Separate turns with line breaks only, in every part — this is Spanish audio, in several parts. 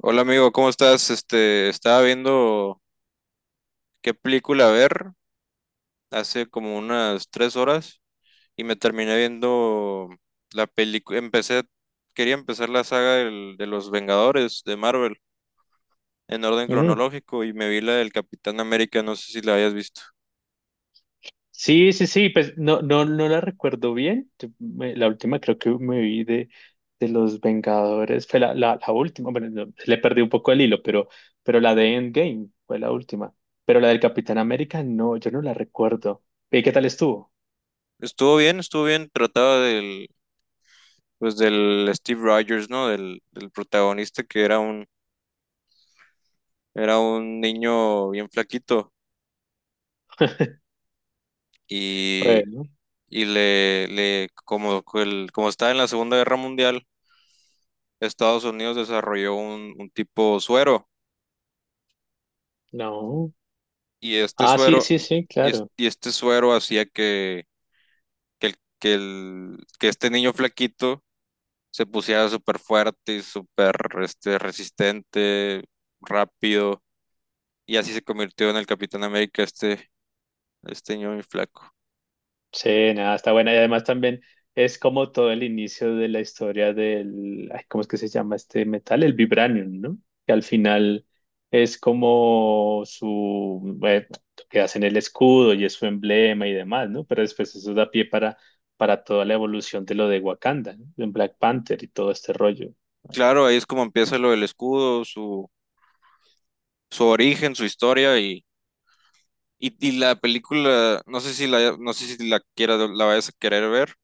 Hola amigo, ¿cómo estás? Estaba viendo qué película ver hace como unas tres horas y me terminé viendo la película. Quería empezar la saga de los Vengadores de Marvel en orden
Mm,
cronológico y me vi la del Capitán América, no sé si la hayas visto.
sí, sí, sí, pues no, no, no la recuerdo bien. La última creo que me vi de Los Vengadores, fue la última, bueno, no, le perdí un poco el hilo, pero la de Endgame fue la última. Pero la del Capitán América, no, yo no la recuerdo. ¿Y qué tal estuvo?
Estuvo bien, trataba pues del Steve Rogers, ¿no? Del protagonista que era un niño bien flaquito
Bueno,
y le como, que el- como estaba en la Segunda Guerra Mundial, Estados Unidos desarrolló un tipo suero
no.
y este
Ah, sí,
suero
sí,
y,
sí, claro.
y este suero hacía que este niño flaquito se pusiera súper fuerte y súper resistente, rápido y así se convirtió en el Capitán América este niño muy flaco.
Sí, nada, está buena. Y además también es como todo el inicio de la historia del, ay, ¿cómo es que se llama este metal? El vibranium, ¿no? Que al final es como su, bueno, que hacen el escudo y es su emblema y demás, ¿no? Pero después eso da pie para toda la evolución de lo de Wakanda, ¿no? En Black Panther y todo este rollo.
Claro, ahí es como empieza lo del escudo, su origen, su historia. Y y la película, no sé si la la vayas a querer ver,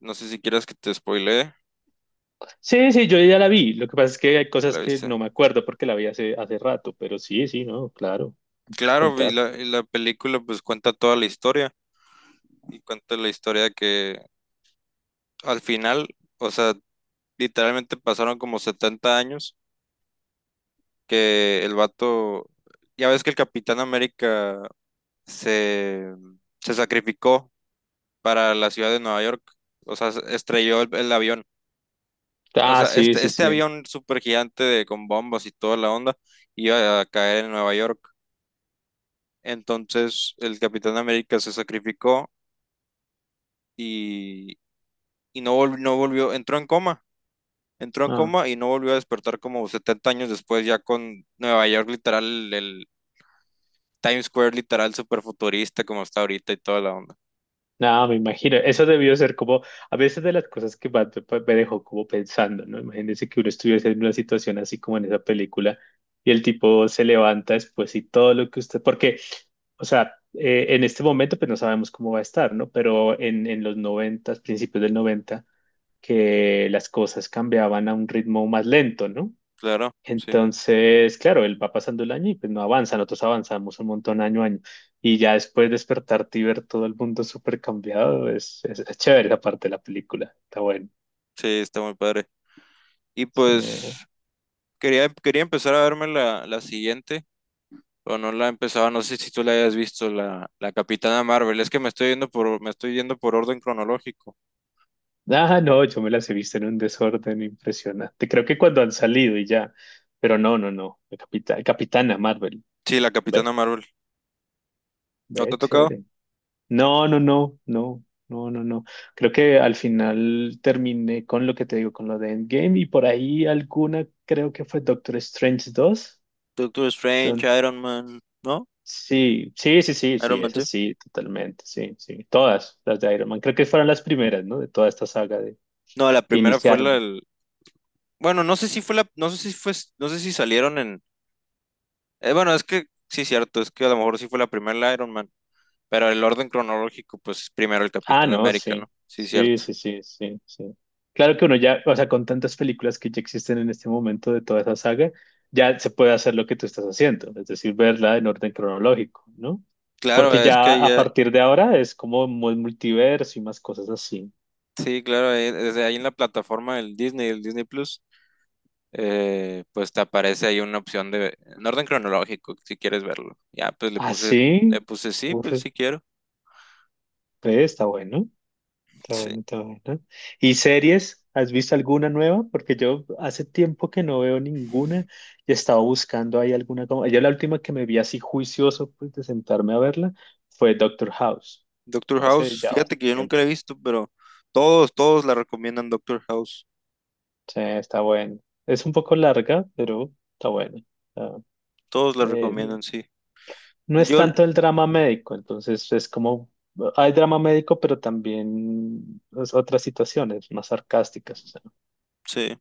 no sé si quieras que te spoilee,
Sí, sí, yo ya la vi. Lo que pasa es que hay
ya la
cosas que
viste.
no me acuerdo porque la vi hace, hace rato, pero sí, sí, no, claro, puedes
Claro,
contar.
y la película pues cuenta toda la historia, y cuenta la historia que al final, o sea, literalmente pasaron como 70 años que el vato, ya ves que el Capitán América se, se sacrificó para la ciudad de Nueva York, o sea, estrelló el avión. O
Ah,
sea,
sí, sí,
este
sí.
avión súper gigante de, con bombas y toda la onda iba a caer en Nueva York. Entonces el Capitán América se sacrificó y, y no, no volvió, entró en
Ah.
coma y no volvió a despertar como 70 años después, ya con Nueva York literal, el Times Square literal súper futurista como está ahorita y toda la onda.
No, me imagino. Eso debió ser como, a veces de las cosas que más me dejó como pensando, ¿no? Imagínense que uno estuviese en una situación así como en esa película y el tipo se levanta después y todo lo que usted, porque, o sea, en este momento pues no sabemos cómo va a estar, ¿no? Pero en los noventas, principios del noventa, que las cosas cambiaban a un ritmo más lento, ¿no?
Claro, sí,
Entonces, claro, él va pasando el año y pues no avanza, nosotros avanzamos un montón año a año. Y ya después despertarte y ver todo el mundo súper cambiado, es chévere la parte de la película, está bueno.
sí, está muy padre. Y
Eh,
pues quería empezar a verme la siguiente, o no la empezaba, no sé si tú la hayas visto, la Capitana Marvel. Es que me estoy yendo me estoy yendo por orden cronológico.
ah, no, yo me las he visto en un desorden impresionante. Creo que cuando han salido y ya, pero no, no, no, el Capitán, Capitana Marvel,
Sí, la
ve,
Capitana Marvel. ¿No te
ve,
ha tocado?
chévere. No, no, no, no, no, no, no. Creo que al final terminé con lo que te digo, con lo de Endgame y por ahí alguna, creo que fue Doctor Strange 2.
Doctor Strange,
Enton-
Iron Man, ¿no?
sí, sí, sí, sí, sí,
Iron Man sí.
esas sí, totalmente, sí, sí. Todas las de Iron Man, creo que fueron las primeras, ¿no? De toda esta saga de,
No, la
que
primera fue la
iniciaron.
del- Bueno, no sé si fue la, no sé si fue, no sé si salieron en. Bueno, es que sí, cierto, es que a lo mejor sí fue la primera la Iron Man, pero el orden cronológico, pues primero el
Ah,
Capitán
no,
América, ¿no?
sí,
Sí,
sí,
cierto.
sí, sí, sí, sí. Claro que uno ya, o sea, con tantas películas que ya existen en este momento de toda esa saga, ya se puede hacer lo que tú estás haciendo, es decir, verla en orden cronológico, ¿no?
Claro,
Porque
es
ya
que
a
ya,
partir de ahora es como muy multiverso y más cosas así.
sí, claro, desde ahí en la plataforma del Disney, el Disney Plus. Pues te aparece ahí una opción de en orden cronológico, si quieres verlo.
Ah,
Le
sí,
puse sí,
uf,
pues sí quiero.
ve, está bueno. Está
Sí.
bueno, está bueno. ¿Y series? ¿Has visto alguna nueva? Porque yo hace tiempo que no veo ninguna y estaba buscando ahí alguna. Como... yo la última que me vi así juicioso pues, de sentarme a verla fue Doctor House.
Doctor
Hace
House,
ya
fíjate
bastante
que yo nunca la he
tiempo.
visto, pero todos, todos la recomiendan Doctor House.
Sí, está bueno. Es un poco larga, pero está bueno. Está-
Todos la
eh,
recomiendan, sí.
no es
Yo,
tanto el drama médico, entonces es como... hay drama médico, pero también pues, otras situaciones más sarcásticas. O sea,
sí,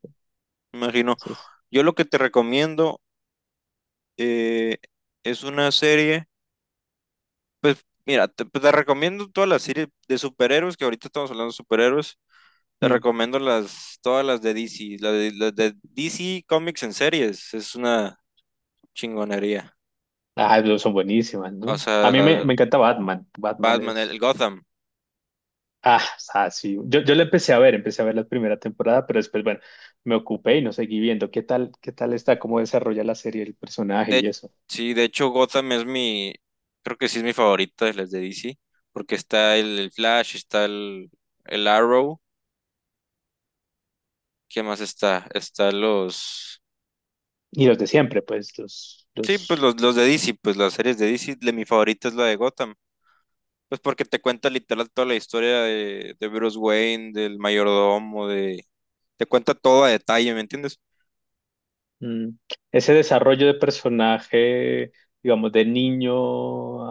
me imagino.
entonces,
Yo lo que te recomiendo eh, es una serie, pues mira, pues, te recomiendo todas las series de superhéroes, que ahorita estamos hablando de superhéroes. Te recomiendo todas las de DC, las de DC Comics en series, es una chingonería.
ah, pero son buenísimas,
O
¿no?
sea,
A mí me,
la
me encanta Batman. Batman
Batman, el
es...
Gotham.
ah, o sea, sí. Yo la empecé a ver la primera temporada, pero después, bueno, me ocupé y no seguí viendo qué tal está, cómo desarrolla la serie, el personaje y
De,
eso.
sí, de hecho Gotham es mi, creo que sí es mi favorita de las de DC, porque está el Flash, el Arrow, ¿qué más está? Está
Y los de siempre, pues,
sí, pues
los
los de DC, pues las series de DC, de, mi favorita es la de Gotham. Pues porque te cuenta literal toda la historia de Bruce Wayne, del mayordomo, de... Te cuenta todo a detalle, ¿me entiendes?
mm. Ese desarrollo de personaje, digamos, de niño,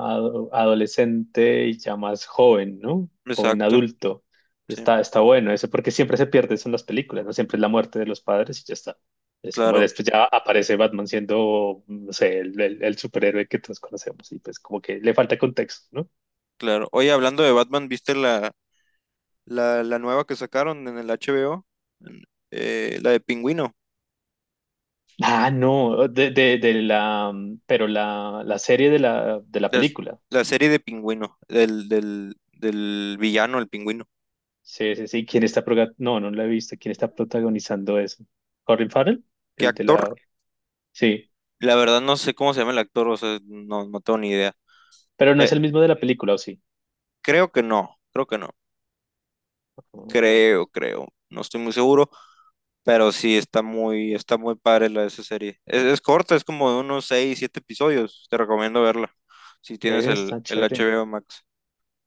adolescente y ya más joven, ¿no? Joven
Exacto,
adulto.
sí,
Está, está bueno eso, porque siempre se pierde eso en las películas, ¿no? Siempre es la muerte de los padres y ya está. Es como
claro,
después ya aparece Batman siendo, no sé, el superhéroe que todos conocemos y pues como que le falta contexto, ¿no?
claro. Oye, hablando de Batman, ¿viste la nueva que sacaron en el HBO? En- la de Pingüino,
Ah, no, de la, pero la serie de la
la,
película.
la serie de Pingüino, del villano, el Pingüino.
Sí, sí, sí. No, no la he visto. ¿Quién está protagonizando eso? ¿Colin Farrell?
¿Qué
El de la...
actor?
sí,
La verdad no sé cómo se llama el actor, o sea, no, no tengo ni idea.
pero no
Eh,
es el mismo de la película, ¿o sí?
Creo que no, creo que no,
Oh,
creo, creo, no estoy muy seguro. Pero sí, está muy padre la de esa serie. Es corta, es como de unos 6 7 episodios. Te recomiendo verla. Si tienes
pero está
el
chévere.
HBO Max.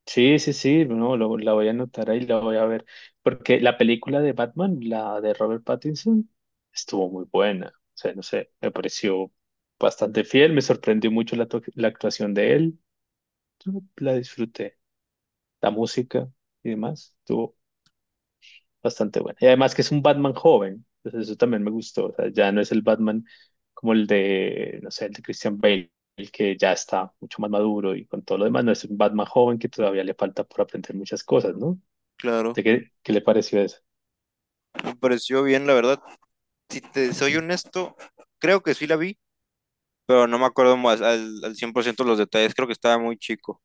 Sí, sí, sí. No, lo- la voy a anotar ahí, la voy a ver. Porque la película de Batman, la de Robert Pattinson, estuvo muy buena. O sea, no sé, me pareció bastante fiel. Me sorprendió mucho la actuación de él. Yo la disfruté. La música y demás. Bastante buena. Y además que es un Batman joven, entonces eso también me gustó. O sea, ya no es el Batman como el de, no sé, el de Christian Bale, el que ya está mucho más maduro y con todo lo demás, no es un Batman joven que todavía le falta por aprender muchas cosas, ¿no?
Claro.
¿De qué, qué le pareció eso?
Me pareció bien, la verdad. Si te soy honesto, creo que sí la vi, pero no me acuerdo más al 100% los detalles. Creo que estaba muy chico.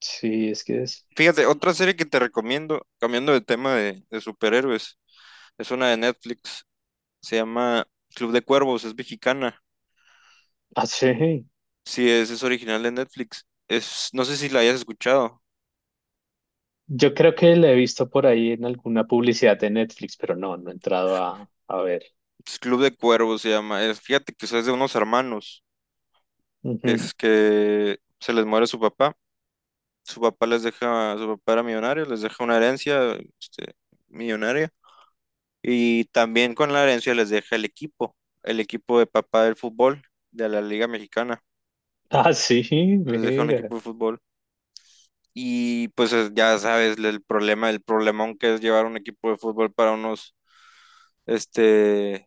Sí, es que es...
Fíjate, otra serie que te recomiendo, cambiando de tema de superhéroes, es una de Netflix. Se llama Club de Cuervos, es mexicana.
ah, sí.
Sí, es original de Netflix. Es, no sé si la hayas escuchado.
Yo creo que la he visto por ahí en alguna publicidad de Netflix, pero no, no he entrado a ver.
Es Club de Cuervos se llama. Es, fíjate que eso es de unos hermanos, que
Ujú.
es que se les muere su papá. Su papá les deja, su papá era millonario, les deja una herencia, este, millonaria. Y también con la herencia les deja el equipo de papá del fútbol, de la Liga Mexicana.
Ah, sí,
Les deja un equipo
mira.
de fútbol. Y pues ya sabes el problema, el problemón que es llevar un equipo de fútbol para unos, este,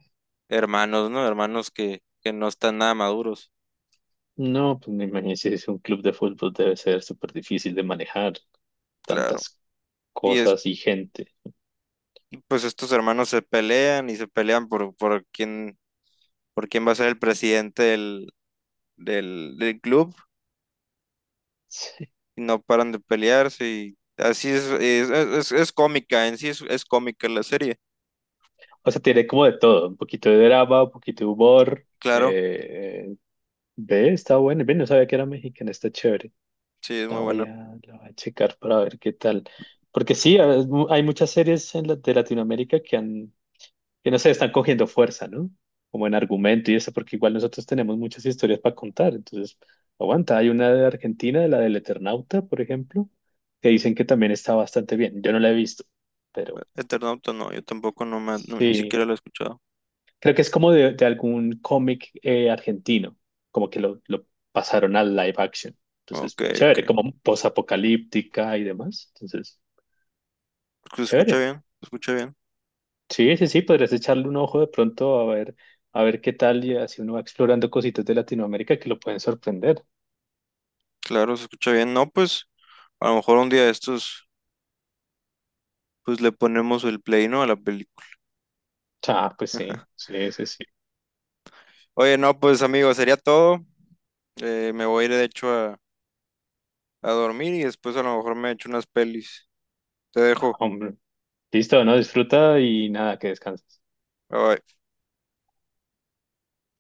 hermanos, ¿no? Hermanos que no están nada maduros.
No, pues me imagino si es un club de fútbol debe ser súper difícil de manejar.
Claro.
Tantas
Y es
cosas y gente.
Pues estos hermanos se pelean y se pelean por quién va a ser el presidente del club
Sí.
y no paran de pelearse y así es cómica, en sí es cómica la serie,
O sea, tiene como de todo, un poquito de drama, un poquito de humor.
claro,
Eh, eh, ve, está bueno. Ve, no sabía que era mexicana, está chévere.
sí, es
La
muy
voy
buena.
a, la voy a checar para ver qué tal. Porque sí, hay muchas series de Latinoamérica que han, que no sé, están cogiendo fuerza, ¿no? Como en argumento y eso, porque igual nosotros tenemos muchas historias para contar. Entonces, aguanta. Hay una de Argentina, la del Eternauta, por ejemplo, que dicen que también está bastante bien. Yo no la he visto, pero
Eternauta no, yo tampoco no, ni
sí,
siquiera la he escuchado.
creo que es como de algún cómic argentino, como que lo pasaron al live action.
Ok,
Entonces,
ok,
chévere, como posapocalíptica y demás. Entonces, chévere.
se escucha bien,
Sí, sí, sí, podrías echarle un ojo de pronto a ver qué tal y así uno va explorando cositas de Latinoamérica que lo pueden sorprender.
claro, se escucha bien, no, pues a lo mejor un día de estos, pues le ponemos el play, ¿no? A la película.
Ah, pues sí, sí, sí, sí.
Oye, no, pues amigo, sería todo. Me voy a ir de hecho a dormir y después a lo mejor me echo unas pelis. Te dejo.
Hombre, listo, no disfruta y nada, que descanses.
Bye bye.